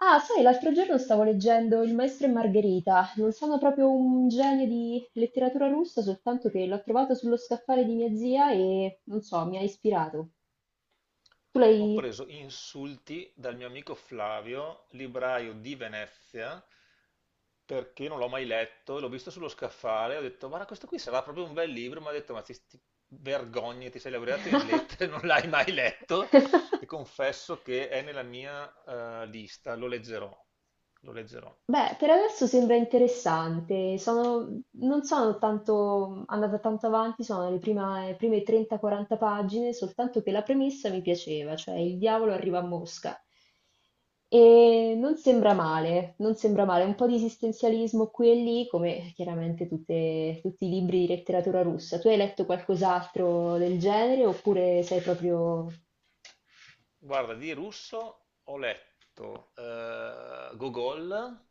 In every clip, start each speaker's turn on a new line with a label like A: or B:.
A: Ah, sai, l'altro giorno stavo leggendo Il Maestro e Margherita. Non sono proprio un genio di letteratura russa, soltanto che l'ho trovato sullo scaffale di mia zia e, non so, mi ha ispirato. Tu
B: Ho
A: l'hai...
B: preso insulti dal mio amico Flavio, libraio di Venezia, perché non l'ho mai letto. L'ho visto sullo scaffale, ho detto, guarda, questo qui sarà proprio un bel libro. Mi ha detto, ma ti vergogni, ti sei laureato in lettere, non l'hai mai letto, e confesso che è nella mia lista, lo leggerò, lo leggerò.
A: Beh, per adesso sembra interessante. Sono non sono tanto andata tanto avanti, sono le prime 30-40 pagine, soltanto che la premessa mi piaceva, cioè il diavolo arriva a Mosca. E non sembra male, non sembra male, un po' di esistenzialismo qui e lì, come chiaramente tutti i libri di letteratura russa. Tu hai letto qualcos'altro del genere oppure sei proprio...
B: Guarda, di russo ho letto Gogol,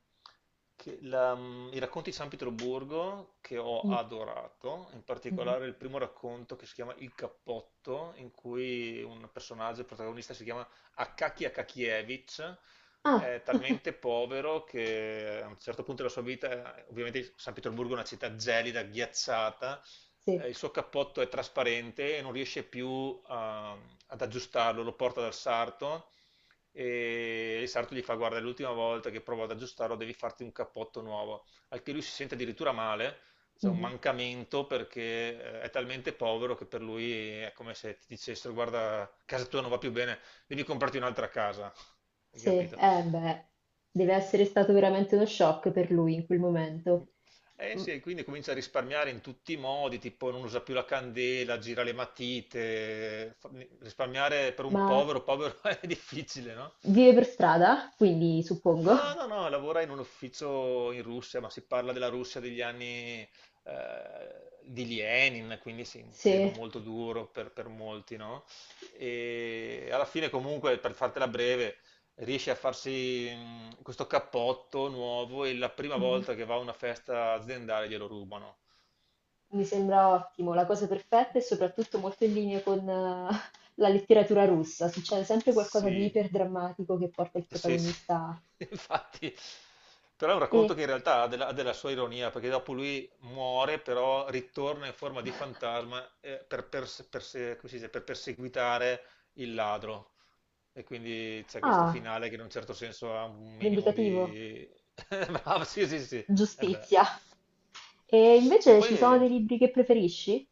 B: i racconti di San Pietroburgo che ho
A: Mm,
B: adorato, in
A: mhm.
B: particolare il primo racconto che si chiama Il cappotto, in cui un personaggio, il protagonista, si chiama Akaki Akakievich,
A: Ah,
B: è talmente povero che a un certo punto della sua vita, ovviamente San Pietroburgo è una città gelida, ghiacciata,
A: sì.
B: il suo cappotto è trasparente e non riesce più ad aggiustarlo, lo porta dal sarto e il sarto gli fa guarda, è l'ultima volta che provo ad aggiustarlo, devi farti un cappotto nuovo, al che lui si sente addirittura male, c'è un
A: Mhm.
B: mancamento perché è talmente povero che per lui è come se ti dicessero guarda, casa tua non va più bene, devi comprarti un'altra casa, hai
A: Sì,
B: capito?
A: eh beh, deve essere stato veramente uno shock per lui in quel momento.
B: Eh
A: M-
B: sì, e quindi comincia a risparmiare in tutti i modi, tipo non usa più la candela, gira le matite, risparmiare per un
A: Ma
B: povero, povero è difficile, no?
A: vive per strada, quindi suppongo.
B: No, no, no, lavora in un ufficio in Russia, ma si parla della Russia degli anni di Lenin, quindi sì, un periodo
A: Sì.
B: molto duro per molti, no? E alla fine comunque, per fartela breve, riesce a farsi questo cappotto nuovo e la prima
A: Mhm.
B: volta che va a una festa aziendale glielo rubano.
A: Mi sembra ottimo, la cosa perfetta e soprattutto molto in linea con la letteratura russa. Succede sempre qualcosa di
B: Sì.
A: iperdrammatico che porta il
B: Sì, sì,
A: protagonista a...
B: infatti, però è un racconto
A: E,
B: che in realtà ha della sua ironia, perché dopo lui muore, però ritorna in forma di fantasma come si dice, per perseguitare il ladro. E quindi c'è questo
A: ah,
B: finale che in un certo senso ha un minimo
A: vendicativo,
B: di. Bravo, sì, sì, sì. E beh.
A: giustizia. E
B: E
A: invece
B: poi,
A: ci sono dei libri che preferisci?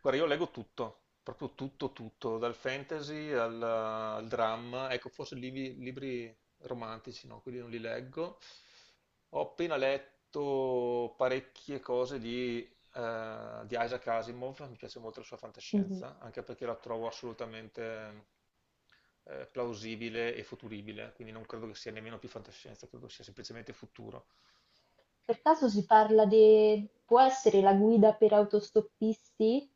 B: guarda, io leggo tutto, proprio tutto, tutto, dal fantasy al dramma, ecco, forse libri romantici, no, quelli non li leggo. Ho appena letto parecchie cose di Isaac Asimov, mi piace molto la sua
A: Mhm.
B: fantascienza, anche perché la trovo assolutamente plausibile e futuribile, quindi non credo che sia nemmeno più fantascienza, credo sia semplicemente futuro.
A: Per caso si parla di... può essere la guida per autostoppisti?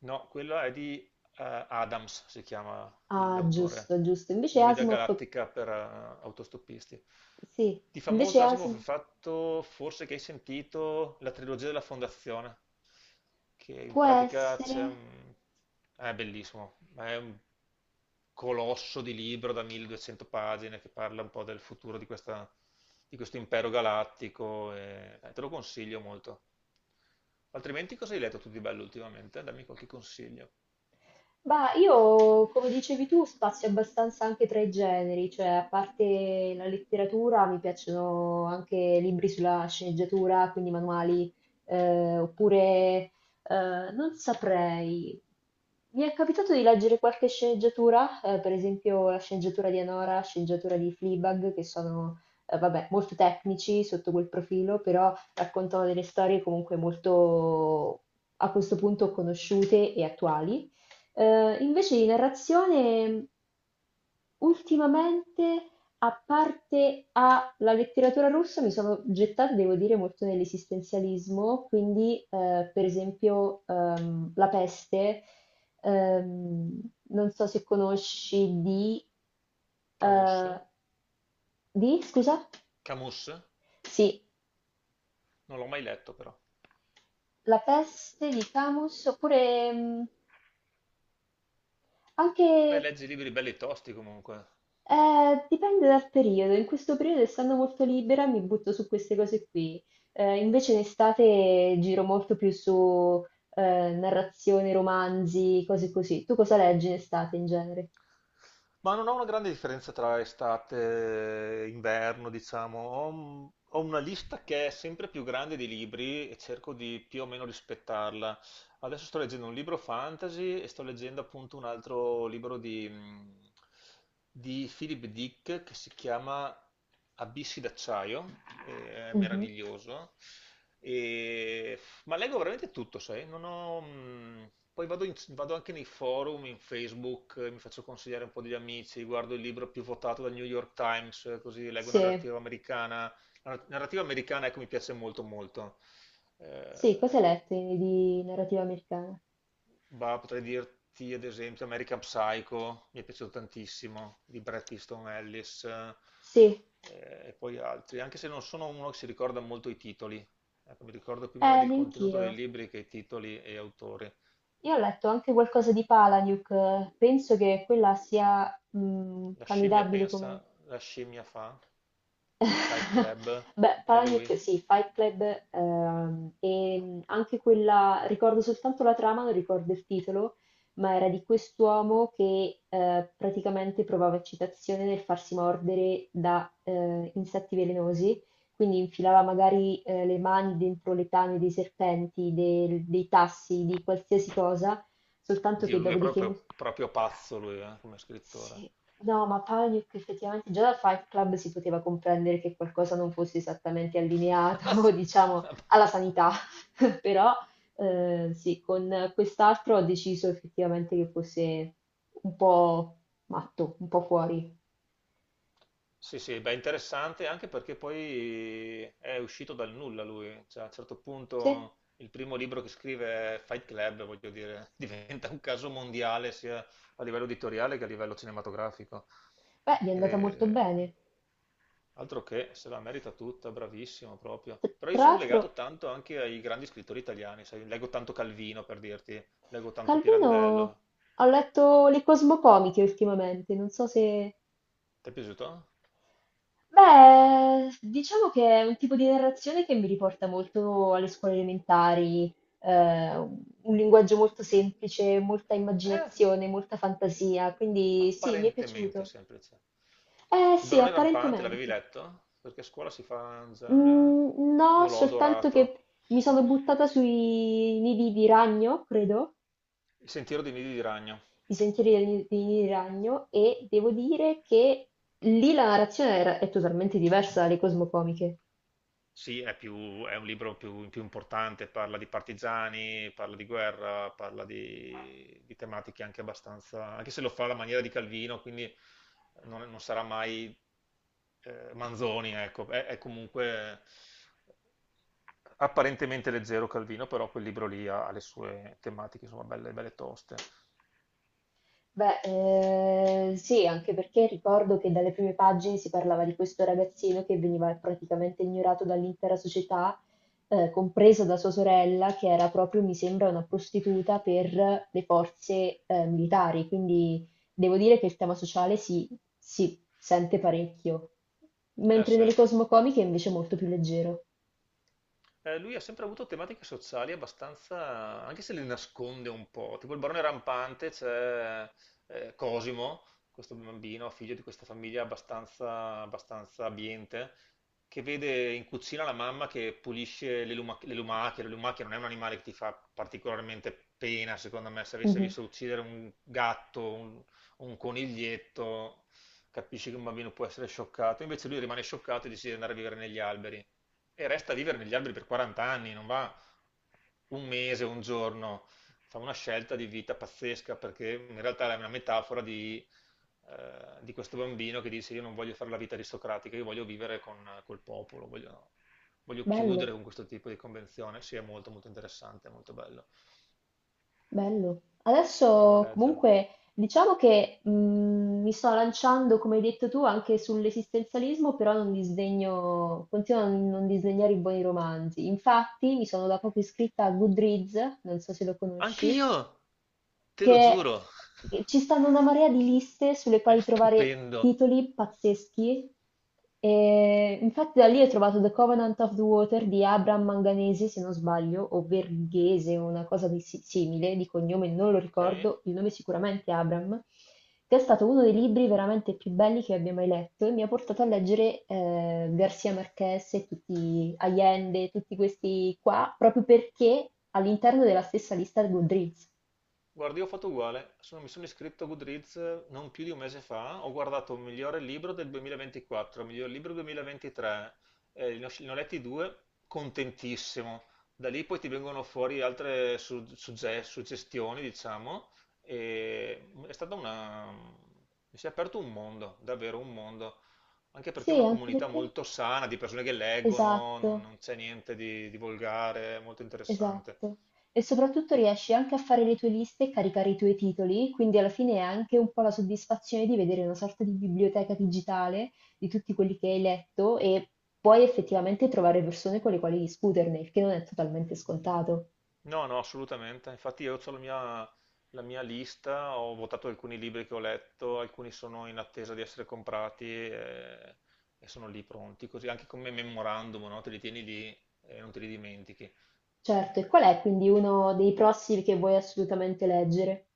B: No, quella è di Adams, si chiama
A: Ah,
B: l'autore,
A: giusto, giusto. Invece
B: Guida
A: Asimov,
B: galattica per autostoppisti.
A: sì,
B: Di
A: invece
B: famoso Asimov ha
A: Asimov
B: fatto, forse che hai sentito, la trilogia della Fondazione, che in
A: può
B: pratica
A: essere...
B: è bellissimo, ma è un colosso di libro da 1.200 pagine che parla un po' del futuro di di questo impero galattico e te lo consiglio molto. Altrimenti cosa hai letto tu di bello ultimamente? Dammi qualche consiglio.
A: Ma io, come dicevi tu, spazio abbastanza anche tra i generi, cioè a parte la letteratura mi piacciono anche libri sulla sceneggiatura, quindi manuali, oppure non saprei. Mi è capitato di leggere qualche sceneggiatura, per esempio la sceneggiatura di Anora, la sceneggiatura di Fleabag, che sono, vabbè, molto tecnici sotto quel profilo, però raccontano delle storie comunque molto, a questo punto, conosciute e attuali. Invece di narrazione, ultimamente, a parte a la letteratura russa, mi sono gettata, devo dire, molto nell'esistenzialismo, quindi per esempio La peste, ehm, non so se conosci
B: Camus?
A: eh, di, scusa?
B: Camus?
A: Sì,
B: Non l'ho mai letto però.
A: La peste di Camus, oppure
B: Beh,
A: anche.
B: leggi libri belli tosti comunque.
A: Dipende dal periodo, in questo periodo essendo molto libera mi butto su queste cose qui. Invece in estate giro molto più su narrazione, romanzi, cose così. Tu cosa leggi in estate in genere?
B: Ma non ho una grande differenza tra estate e inverno, diciamo. Ho una lista che è sempre più grande di libri e cerco di più o meno rispettarla. Adesso sto leggendo un libro fantasy e sto leggendo appunto un altro libro di Philip Dick che si chiama Abissi d'acciaio, e è
A: Mhm.
B: meraviglioso. E Ma leggo veramente tutto, sai? Non ho. Poi vado anche nei forum, in Facebook, mi faccio consigliare un po' degli amici, guardo il libro più votato dal New York Times, così leggo
A: Sì,
B: narrativa americana. La narrativa americana, ecco, mi piace molto, molto.
A: sì, cosa hai
B: Eh,
A: letto di narrativa americana?
B: Bah, potrei dirti ad esempio American Psycho, mi è piaciuto tantissimo, di Bret Easton Ellis
A: Sì,
B: e poi altri, anche se non sono uno che si ricorda molto i titoli. Ecco, mi ricordo più magari il contenuto
A: anch'io.
B: dei libri che i titoli e autori.
A: Io ho letto anche qualcosa di Palahniuk, penso che quella sia
B: La scimmia
A: candidabile come
B: pensa, la scimmia fa, Fight Club,
A: beh,
B: è lui.
A: Palagnet, sì, Fight Club, e anche quella, ricordo soltanto la trama, non ricordo il titolo, ma era di quest'uomo che praticamente provava eccitazione nel farsi mordere da insetti velenosi, quindi infilava magari le mani dentro le tane dei serpenti, dei tassi, di qualsiasi cosa, soltanto
B: Dio
A: che
B: lui è
A: dopodiché
B: proprio, proprio pazzo lui, come scrittore.
A: sì. No, ma Panic effettivamente già da Fight Club si poteva comprendere che qualcosa non fosse esattamente
B: Ah,
A: allineato,
B: sì.
A: diciamo,
B: Vabbè.
A: alla sanità. Però sì, con quest'altro ho deciso effettivamente che fosse un po' matto, un po' fuori.
B: Sì, sì, beh, interessante anche perché poi è uscito dal nulla lui, cioè a un certo
A: Sì,
B: punto il primo libro che scrive è Fight Club, voglio dire, diventa un caso mondiale sia a livello editoriale che a livello cinematografico.
A: beh, gli è andata molto
B: E...
A: bene.
B: Altro che se la merita tutta, bravissimo proprio. Però io
A: Tra
B: sono legato
A: l'altro,
B: tanto anche ai grandi scrittori italiani, sai, leggo tanto Calvino per dirti, leggo tanto
A: Calvino,
B: Pirandello.
A: ho letto le Cosmocomiche ultimamente, non so se...
B: Ti è piaciuto?
A: Beh, diciamo che è un tipo di narrazione che mi riporta molto alle scuole elementari, un linguaggio molto semplice, molta
B: Eh.
A: immaginazione, molta fantasia, quindi sì, mi è
B: Apparentemente
A: piaciuto.
B: semplice.
A: Eh
B: Il
A: sì,
B: barone rampante, l'avevi
A: apparentemente.
B: letto? Perché a scuola si fa già.
A: Mm, no,
B: Io l'ho
A: soltanto
B: adorato.
A: che mi sono buttata sui nidi di ragno, credo,
B: Il sentiero dei nidi di ragno.
A: i sentieri dei nidi di ragno, e devo dire che lì la narrazione è totalmente diversa dalle cosmocomiche.
B: Sì, è è un libro più importante, parla di partigiani, parla di guerra, parla di tematiche anche abbastanza, anche se lo fa alla maniera di Calvino, quindi non sarà mai Manzoni, ecco, è comunque apparentemente leggero Calvino, però quel libro lì ha le sue tematiche, insomma, belle, belle toste.
A: Beh, sì, anche perché ricordo che dalle prime pagine si parlava di questo ragazzino che veniva praticamente ignorato dall'intera società, compresa da sua sorella, che era proprio, mi sembra, una prostituta per le forze, militari. Quindi devo dire che il tema sociale si sente parecchio,
B: Eh
A: mentre
B: sì.
A: nelle cosmocomiche è invece molto più leggero.
B: Lui ha sempre avuto tematiche sociali abbastanza, anche se le nasconde un po', tipo il barone rampante, c'è Cosimo, questo bambino, figlio di questa famiglia abbastanza, abbastanza abbiente, che vede in cucina la mamma che pulisce le lumache, la lumache non è un animale che ti fa particolarmente pena, secondo me, se avesse
A: Mhm.
B: visto uccidere un gatto, un coniglietto, capisci che un bambino può essere scioccato, invece lui rimane scioccato e decide di andare a vivere negli alberi e resta a vivere negli alberi per 40 anni, non va un mese, un giorno, fa una scelta di vita pazzesca perché in realtà è una metafora di questo bambino che dice io non voglio fare la vita aristocratica, io voglio vivere con, col popolo, voglio chiudere
A: Bello.
B: con questo tipo di convenzione, sì è molto molto interessante, è molto bello,
A: Bello.
B: prova a
A: Adesso
B: leggerlo.
A: comunque diciamo che mi sto lanciando, come hai detto tu, anche sull'esistenzialismo, però non disdegno, continuo a non disdegnare i buoni romanzi. Infatti mi sono da poco iscritta a Goodreads, non so se lo conosci,
B: Anch'io, te lo
A: che
B: giuro,
A: che ci stanno una marea di liste sulle
B: è
A: quali trovare
B: stupendo,
A: titoli pazzeschi. E infatti da lì ho trovato The Covenant of the Water di Abraham Manganese, se non sbaglio, o Verghese, una cosa di simile, di cognome non lo
B: ok?
A: ricordo, il nome sicuramente è Abraham, che è stato uno dei libri veramente più belli che abbia mai letto e mi ha portato a leggere García Márquez e tutti Allende, tutti questi qua, proprio perché all'interno della stessa lista di Goodreads.
B: Guarda, io ho fatto uguale, mi sono iscritto a Goodreads non più di un mese fa, ho guardato il migliore libro del 2024, il miglior libro 2023, ne ho letti due, contentissimo. Da lì poi ti vengono fuori altre suggestioni, diciamo, e è stata una... mi si è aperto un mondo, davvero un mondo, anche perché è
A: Sì,
B: una
A: anche
B: comunità
A: perché
B: molto sana di persone che leggono, non,
A: esatto,
B: non c'è niente di volgare, è molto interessante.
A: esatto. E soprattutto riesci anche a fare le tue liste e caricare i tuoi titoli, quindi alla fine è anche un po' la soddisfazione di vedere una sorta di biblioteca digitale di tutti quelli che hai letto e puoi effettivamente trovare persone con le quali discuterne, il che non è totalmente scontato.
B: No, no, assolutamente. Infatti io ho la mia lista, ho votato alcuni libri che ho letto, alcuni sono in attesa di essere comprati e sono lì pronti, così anche come memorandum, no? Te li tieni lì e non te li dimentichi.
A: Certo, e qual è quindi uno dei prossimi che vuoi assolutamente leggere?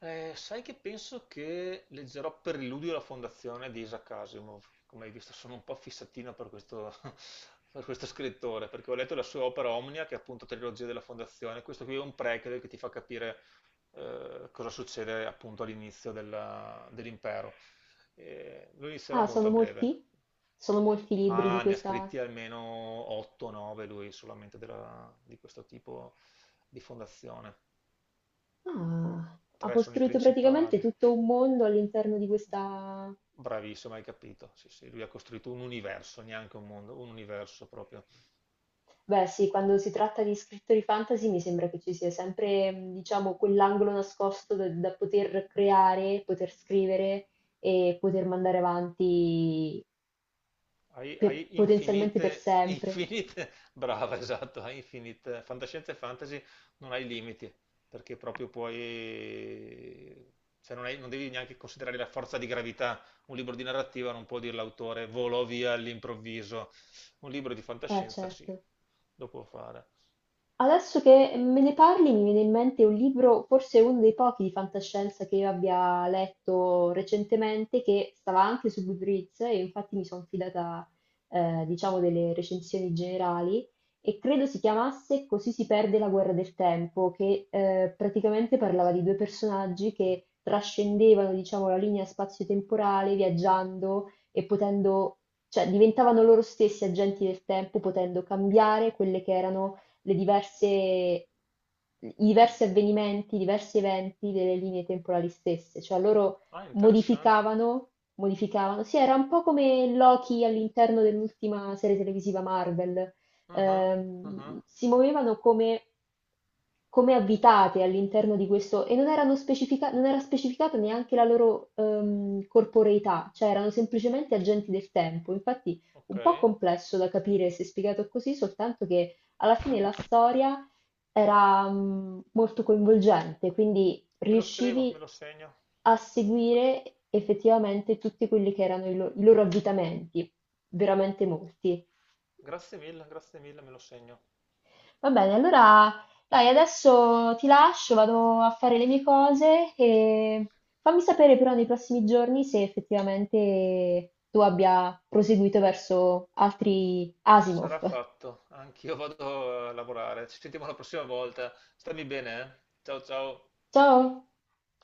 B: Sai che penso che leggerò Per l'illudio e la fondazione di Isaac Asimov. Come hai visto, sono un po' fissatino per questo, per questo scrittore, perché ho letto la sua opera Omnia, che è appunto Trilogia della fondazione. Questo qui è un prequel che ti fa capire cosa succede appunto dell'impero. Lo inizierò
A: Ah,
B: molto
A: sono
B: a breve,
A: molti? Sono molti i libri di
B: ma ne ha
A: questa...
B: scritti almeno 8-9 lui solamente di questo tipo di fondazione.
A: Ah, ha
B: Tre sono i
A: costruito praticamente
B: principali.
A: tutto un mondo all'interno di questa...
B: Bravissimo, hai capito. Sì, sì, lui ha costruito un universo, neanche un mondo, un universo proprio.
A: Beh, sì, quando si tratta di scrittori fantasy mi sembra che ci sia sempre, diciamo, quell'angolo nascosto da poter creare, poter scrivere e poter mandare avanti
B: Hai, hai
A: potenzialmente per
B: infinite,
A: sempre.
B: infinite, brava, esatto, hai infinite, fantascienza e fantasy non hai limiti, perché proprio puoi, cioè non devi neanche considerare la forza di gravità. Un libro di narrativa non può dire l'autore volò via all'improvviso. Un libro di fantascienza sì,
A: Certo.
B: lo può fare.
A: Adesso che me ne parli mi viene in mente un libro, forse uno dei pochi di fantascienza che io abbia letto recentemente, che stava anche su Goodreads e infatti mi sono fidata, diciamo, delle recensioni generali, e credo si chiamasse Così si perde la guerra del tempo, che praticamente parlava di due personaggi che trascendevano, diciamo, la linea spazio-temporale viaggiando e potendo, cioè diventavano loro stessi agenti del tempo, potendo cambiare quelle che erano le diverse, i diversi avvenimenti, i diversi eventi delle linee temporali stesse, cioè loro
B: Ah, interessante.
A: modificavano, modificavano, sì, era un po' come Loki all'interno dell'ultima serie televisiva Marvel.
B: Ah, ah, ah, ah.
A: Si muovevano come abitate all'interno di questo e non erano non era specificata neanche la loro corporeità, cioè erano semplicemente agenti del tempo. Infatti,
B: Ok.
A: un po' complesso da capire se spiegato così, soltanto che alla fine la storia era molto coinvolgente, quindi
B: Me lo scrivo, me
A: riuscivi
B: lo segno.
A: a seguire effettivamente tutti quelli che erano i loro avvitamenti, veramente molti.
B: Grazie mille, me lo segno.
A: Va bene, allora dai, adesso ti lascio, vado a fare le mie cose e fammi sapere però nei prossimi giorni se effettivamente tu abbia proseguito verso altri Asimov.
B: Sarà fatto. Anch'io vado a lavorare. Ci sentiamo la prossima volta. Stammi bene, eh? Ciao ciao.
A: Ciao!